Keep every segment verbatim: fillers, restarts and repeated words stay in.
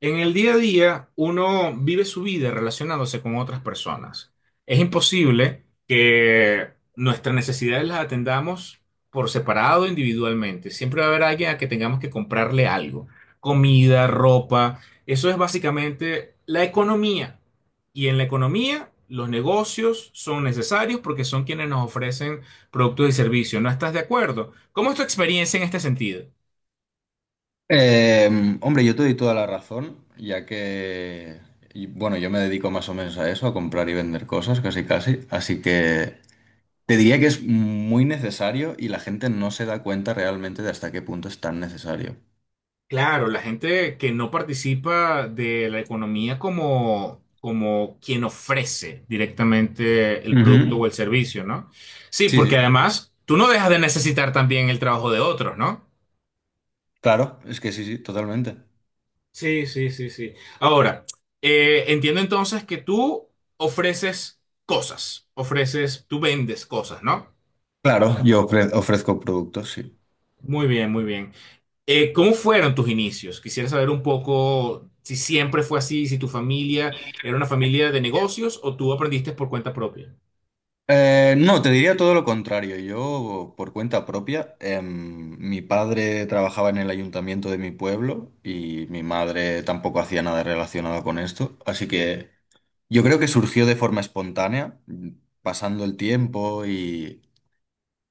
En el día a día, uno vive su vida relacionándose con otras personas. Es imposible que nuestras necesidades las atendamos por separado, individualmente. Siempre va a haber alguien a que tengamos que comprarle algo, comida, ropa. Eso es básicamente la economía. Y en la economía, los negocios son necesarios porque son quienes nos ofrecen productos y servicios. ¿No estás de acuerdo? ¿Cómo es tu experiencia en este sentido? Eh, Hombre, yo te doy toda la razón, ya que, y, bueno, yo me dedico más o menos a eso, a comprar y vender cosas, casi casi, así que te diría que es muy necesario y la gente no se da cuenta realmente de hasta qué punto es tan necesario. Claro, la gente que no participa de la economía como, como quien ofrece directamente el producto o Ujú. el servicio, ¿no? Sí, Sí, porque sí, además tú no dejas de necesitar también el trabajo de otros, ¿no? claro, es que sí, sí, totalmente. Sí, sí, sí, sí. Ahora, eh, entiendo entonces que tú ofreces cosas, ofreces, tú vendes cosas, ¿no? Claro, yo ofre- ofrezco productos, sí. Muy bien, muy bien. Eh, ¿cómo fueron tus inicios? Quisiera saber un poco si siempre fue así, si tu familia era una familia de negocios o tú aprendiste por cuenta propia. Eh, no, te diría todo lo contrario. Yo, por cuenta propia, em, mi padre trabajaba en el ayuntamiento de mi pueblo y mi madre tampoco hacía nada relacionado con esto. Así que yo creo que surgió de forma espontánea, mm, pasando el tiempo y,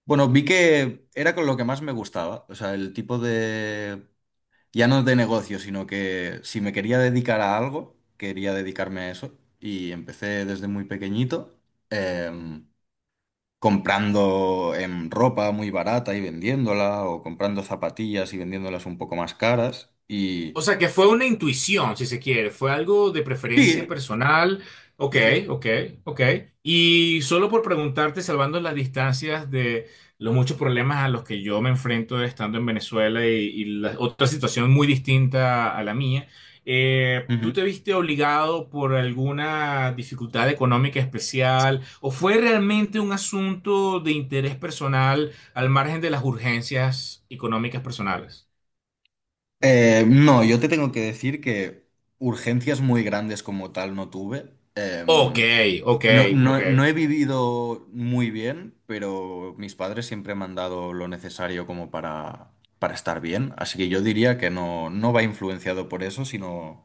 bueno, vi que era con lo que más me gustaba. O sea, el tipo de... ya no de negocio, sino que si me quería dedicar a algo, quería dedicarme a eso. Y empecé desde muy pequeñito. em, Comprando em, ropa muy barata y vendiéndola, o comprando zapatillas y vendiéndolas un poco más caras. O Y sea, que fue una intuición, si se quiere, fue algo de preferencia Sí, personal. Ok, sí, sí. ok, ok. Y solo por preguntarte, salvando las distancias de los muchos problemas a los que yo me enfrento estando en Venezuela y, y la otra situación muy distinta a la mía, eh, ¿tú Ujú. te viste obligado por alguna dificultad económica especial o fue realmente un asunto de interés personal al margen de las urgencias económicas personales? Eh, no, yo te tengo que decir que urgencias muy grandes como tal no tuve. Ok, Em, ok, No, ok. no, no he vivido muy bien, pero mis padres siempre me han dado lo necesario como para, para estar bien. Así que yo diría que no, no va influenciado por eso, sino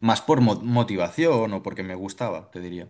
más por mo- motivación o porque me gustaba, te diría.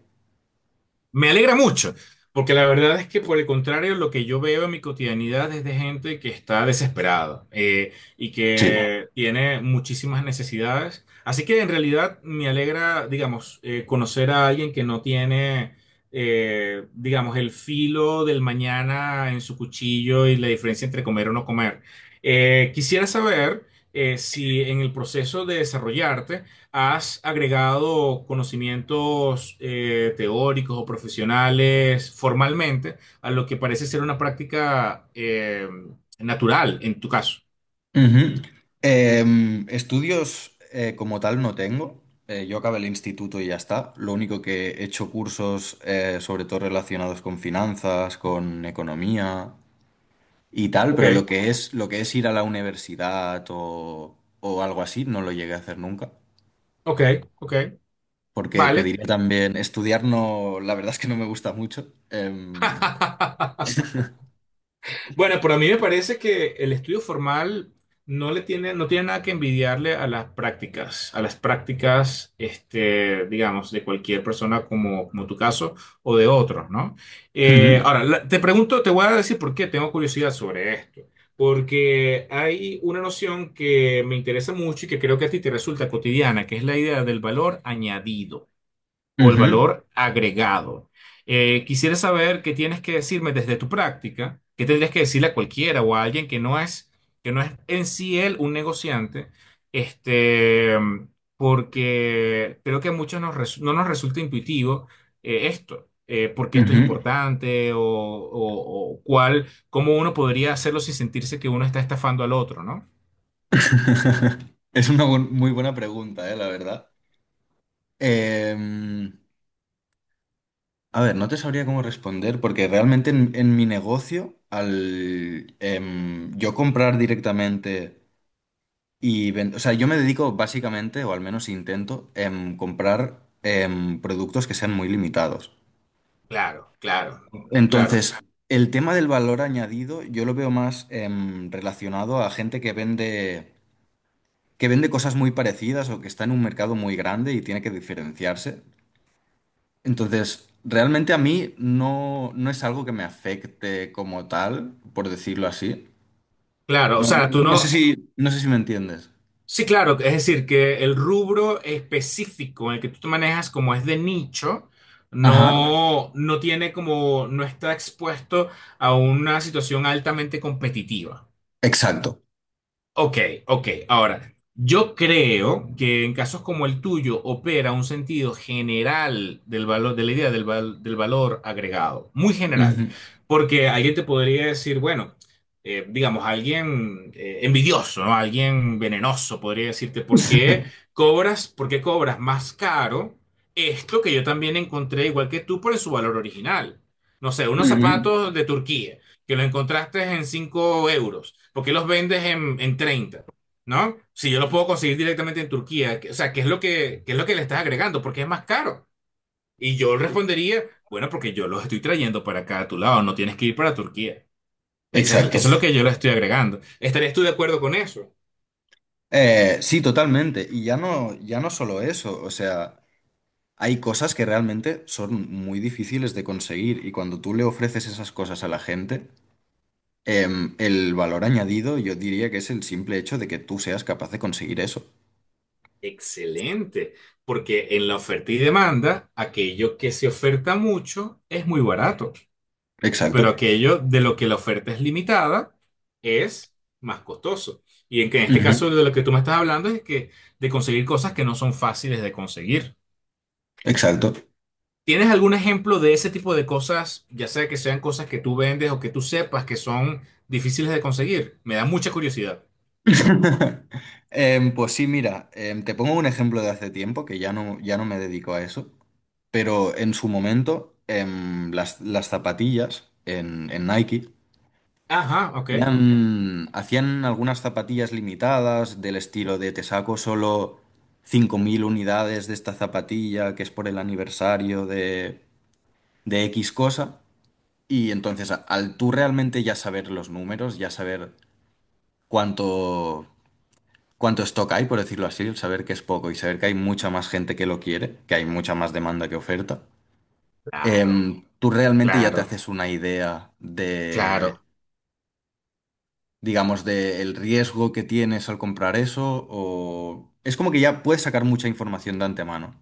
Me alegra mucho, porque la verdad es que por el contrario, lo que yo veo en mi cotidianidad es de gente que está desesperada eh, y Sí. que tiene muchísimas necesidades. Así que en realidad me alegra, digamos, eh, conocer a alguien que no tiene, eh, digamos, el filo del mañana en su cuchillo y la diferencia entre comer o no comer. Eh, quisiera saber eh, si en el proceso de desarrollarte, ¿has agregado conocimientos eh, teóricos o profesionales formalmente a lo que parece ser una práctica eh, natural en tu caso? Ujú. Em, estudios eh, como tal no tengo. Eh, yo acabé el instituto y ya está. Lo único que he hecho cursos eh, sobre todo relacionados con finanzas, con economía y tal, Ok, pero lo que es, lo que es ir a la universidad o, o algo así no lo llegué a hacer nunca. ok, ok. Porque te Vale. diría también, estudiar no, la verdad es que no me gusta mucho. Em, Bueno, pero a mí me parece que el estudio formal no le tiene, no tiene nada que envidiarle a las prácticas, a las prácticas, este, digamos, de cualquier persona como, como tu caso o de otros, ¿no? Eh, ujú, Ahora, la- te pregunto, te voy a decir por qué tengo curiosidad sobre esto. Porque hay una noción que me interesa mucho y que creo que a ti te resulta cotidiana, que es la idea del valor añadido o el valor agregado. Eh, quisiera saber qué tienes que decirme desde tu práctica, qué tendrías que decirle a cualquiera o a alguien que no es, que no es en sí él un negociante, este, porque creo que a muchos nos resu- no nos resulta intuitivo eh, esto. eh, porque ujú, esto es ujú. importante o, o, o cuál, cómo uno podría hacerlo sin sentirse que uno está estafando al otro, ¿no? Es una bu- muy buena pregunta, eh, la verdad. Em, A ver, no te sabría cómo responder porque realmente en, en mi negocio, al em, yo comprar directamente y vender, o sea, yo me dedico básicamente, o al menos intento, em, comprar em, productos que sean muy limitados. Claro, claro, claro, Entonces, el tema del valor añadido yo lo veo más em, relacionado a gente que vende, que vende cosas muy parecidas o que está en un mercado muy grande y tiene que diferenciarse. Entonces, realmente a mí no, no es algo que me afecte como tal, por decirlo así. claro. O No, sea, tú no sé no. si, no sé si me entiendes. Sí, claro, es decir, que el rubro específico en el que tú te manejas, como es de nicho, Ajá, no, no tiene como, no está expuesto a una situación altamente competitiva. exacto. Ok, ok. Ahora, yo creo que en casos como el tuyo opera un sentido general del valor, de la idea del, val- del valor agregado, muy general, Ujú. porque alguien te podría decir, bueno, eh, digamos, alguien eh, envidioso, ¿no? Alguien venenoso podría decirte, ¿por qué cobras, por qué cobras más caro esto que yo también encontré igual que tú por su valor original? No sé, unos Ujú, zapatos de Turquía que los encontraste en cinco euros, ¿por qué los vendes en, en treinta? ¿No? Si yo los puedo conseguir directamente en Turquía, que- o sea, ¿qué es lo que, qué es lo que le estás agregando? Porque es más caro. Y yo respondería, bueno, porque yo los estoy trayendo para acá a tu lado, no tienes que ir para Turquía. Ese es el- exacto. eso es lo que yo les estoy agregando. ¿Estarías tú de acuerdo con eso? Eh, sí, totalmente. Y ya no, ya no solo eso, o sea, hay cosas que realmente son muy difíciles de conseguir y cuando tú le ofreces esas cosas a la gente, em, el valor añadido yo diría que es el simple hecho de que tú seas capaz de conseguir eso. Excelente, porque en la oferta y demanda, aquello que se oferta mucho es muy barato. Exacto. Pero aquello de lo que la oferta es limitada es más costoso. Y en que en este caso Ujú. de lo que tú me estás hablando es que de conseguir cosas que no son fáciles de conseguir. Exacto. ¿Tienes algún ejemplo de ese tipo de cosas, ya sea que sean cosas que tú vendes o que tú sepas que son difíciles de conseguir? Me da mucha curiosidad. Em, pues sí, mira, em, te pongo un ejemplo de hace tiempo, que ya no, ya no me dedico a eso, pero en su momento em, las, las zapatillas en, en Nike Ajá, ok. hacían, hacían algunas zapatillas limitadas del estilo de te saco solo cinco mil unidades de esta zapatilla que es por el aniversario de, de X cosa. Y entonces, a- al tú realmente ya saber los números, ya saber cuánto, cuánto stock hay, por decirlo así, el saber que es poco y saber que hay mucha más gente que lo quiere, que hay mucha más demanda que oferta, Claro, em, tú realmente ya te claro, haces una idea de, claro. digamos, del riesgo que tienes al comprar eso o... Es como que ya puedes sacar mucha información de antemano.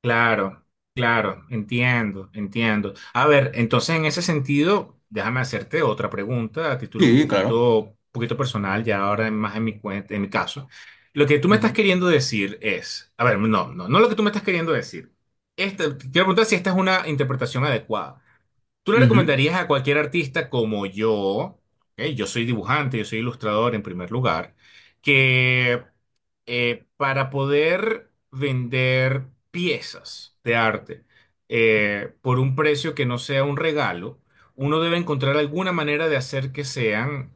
Claro, claro, entiendo, entiendo. A ver, entonces en ese sentido, déjame hacerte otra pregunta a título un Sí, claro. poquito, poquito personal, ya ahora más en mi cuenta, en mi caso. Lo que tú me estás Ujú. queriendo decir es, a ver, no, no, no lo que tú me estás queriendo decir. Esta, quiero preguntar si esta es una interpretación adecuada. ¿Tú le Ujú. recomendarías a cualquier artista como yo, ok, yo soy dibujante, yo soy ilustrador en primer lugar, que eh, para poder vender piezas de arte eh, por un precio que no sea un regalo, uno debe encontrar alguna manera de hacer que sean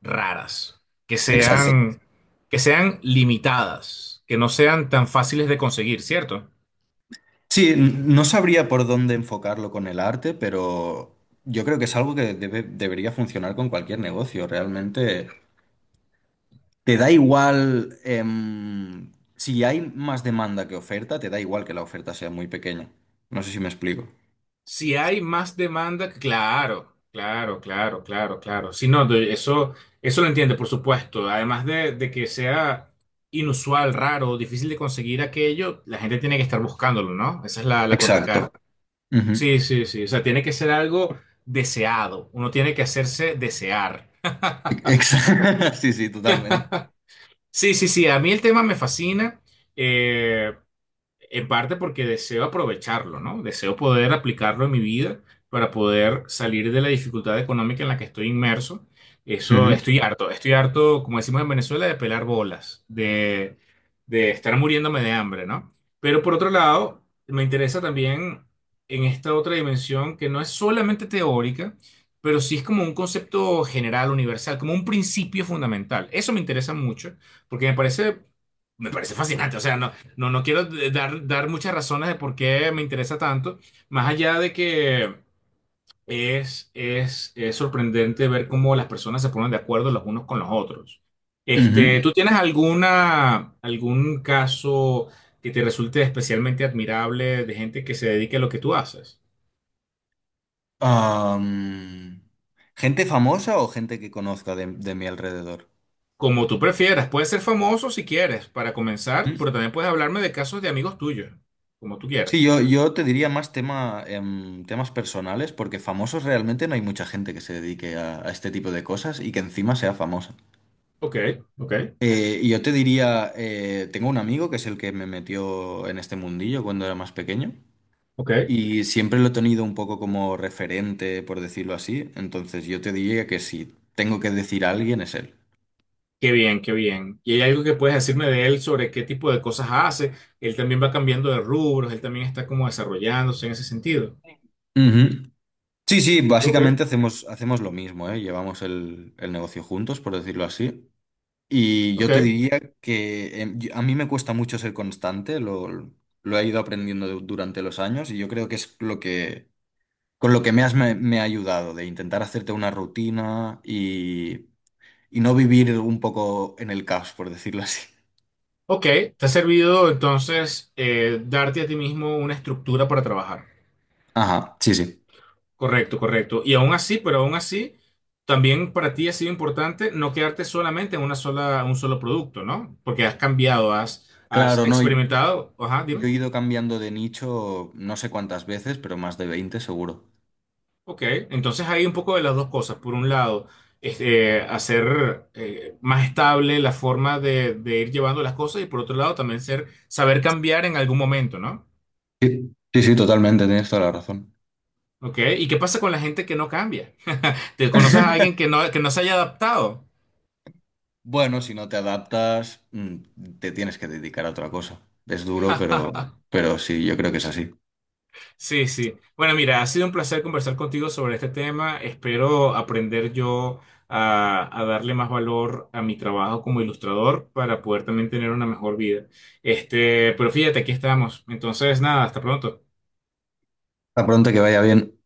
raras, que Exacto. sean, que sean limitadas, que no sean tan fáciles de conseguir, ¿cierto? Sí, n- no sabría por dónde enfocarlo con el arte, pero yo creo que es algo que debe- debería funcionar con cualquier negocio. Realmente, ¿te da igual em, si hay más demanda que oferta, te da igual que la oferta sea muy pequeña? No sé si me explico. Si hay más demanda, claro, claro, claro, claro, claro. Si no, de- eso, eso lo entiende, por supuesto. Además de, de que sea inusual, raro, difícil de conseguir aquello, la gente tiene que estar buscándolo, ¿no? Esa es la, la Exacto. contracara. Ujú. Sí, sí, sí. O sea, tiene que ser algo deseado. Uno tiene que hacerse desear. Ex- Sí, sí, totalmente. Sí, sí, sí. A mí el tema me fascina. Eh, En parte porque deseo aprovecharlo, ¿no? Deseo poder aplicarlo en mi vida para poder salir de la dificultad económica en la que estoy inmerso. Eso, Ujú, estoy harto, estoy harto, como decimos en Venezuela, de pelar bolas, de, de estar muriéndome de hambre, ¿no? Pero por otro lado, me interesa también en esta otra dimensión que no es solamente teórica, pero sí es como un concepto general, universal, como un principio fundamental. Eso me interesa mucho porque me parece... Me parece fascinante, o sea, no, no, no quiero d- dar, dar muchas razones de por qué me interesa tanto, más allá de que es, es, es sorprendente ver cómo las personas se ponen de acuerdo los unos con los otros. Este, ¿tú ujú. tienes alguna, algún caso que te resulte especialmente admirable de gente que se dedique a lo que tú haces? Am, ¿Gente famosa o gente que conozca de, de mi alrededor? Como tú prefieras, puedes ser famoso si quieres, para comenzar, Ujú. pero también puedes hablarme de casos de amigos tuyos, como tú Sí, quieras. yo, yo te diría más tema, em, temas personales, porque famosos realmente no hay mucha gente que se dedique a, a este tipo de cosas y que encima sea famosa. Ok, ok, Eh, y yo te diría, eh, tengo un amigo que es el que me metió en este mundillo cuando era más pequeño ok. y siempre lo he tenido un poco como referente, por decirlo así. Entonces yo te diría que si tengo que decir a alguien es él. Qué bien, qué bien. ¿Y hay algo que puedes decirme de él sobre qué tipo de cosas hace? Él también va cambiando de rubros, él también está como desarrollándose en ese sentido. Ujú. Sí, sí, Ok, básicamente hacemos, hacemos lo mismo, ¿eh? Llevamos el, el negocio juntos, por decirlo así. Y yo te ok, diría que em, yo- a mí me cuesta mucho ser constante, lo, lo he ido aprendiendo du- durante los años y yo creo que es lo que con lo que me has me, me ha ayudado, de intentar hacerte una rutina y, y no vivir un poco en el caos, por decirlo así. ok. Te ha servido entonces eh, darte a ti mismo una estructura para trabajar. Ajá, sí, sí. Correcto, correcto. Y aún así, pero aún así, también para ti ha sido importante no quedarte solamente en una sola, un solo producto, ¿no? Porque has cambiado, has, has Claro, no, y- experimentado. Ajá, dime. yo he ido cambiando de nicho no sé cuántas veces, pero más de veinte seguro. Ok, entonces hay un poco de las dos cosas. Por un lado, este, hacer eh, más estable la forma de, de ir llevando las cosas y por otro lado también ser, saber cambiar en algún momento, ¿no? Sí, sí, sí, totalmente, tienes toda la razón. Ok, ¿y qué pasa con la gente que no cambia? ¿Te conoces a alguien que no, que no se haya adaptado? Bueno, si no te adaptas, mm, te tienes que dedicar a otra cosa. Es duro, pero, pero sí, yo creo que es así. Sí, sí. Bueno, mira, ha sido un placer conversar contigo sobre este tema. Espero aprender yo a, a darle más valor a mi trabajo como ilustrador para poder también tener una mejor vida. Este, pero fíjate, aquí estamos. Entonces, nada, hasta pronto. Hasta pronto, que vaya bien.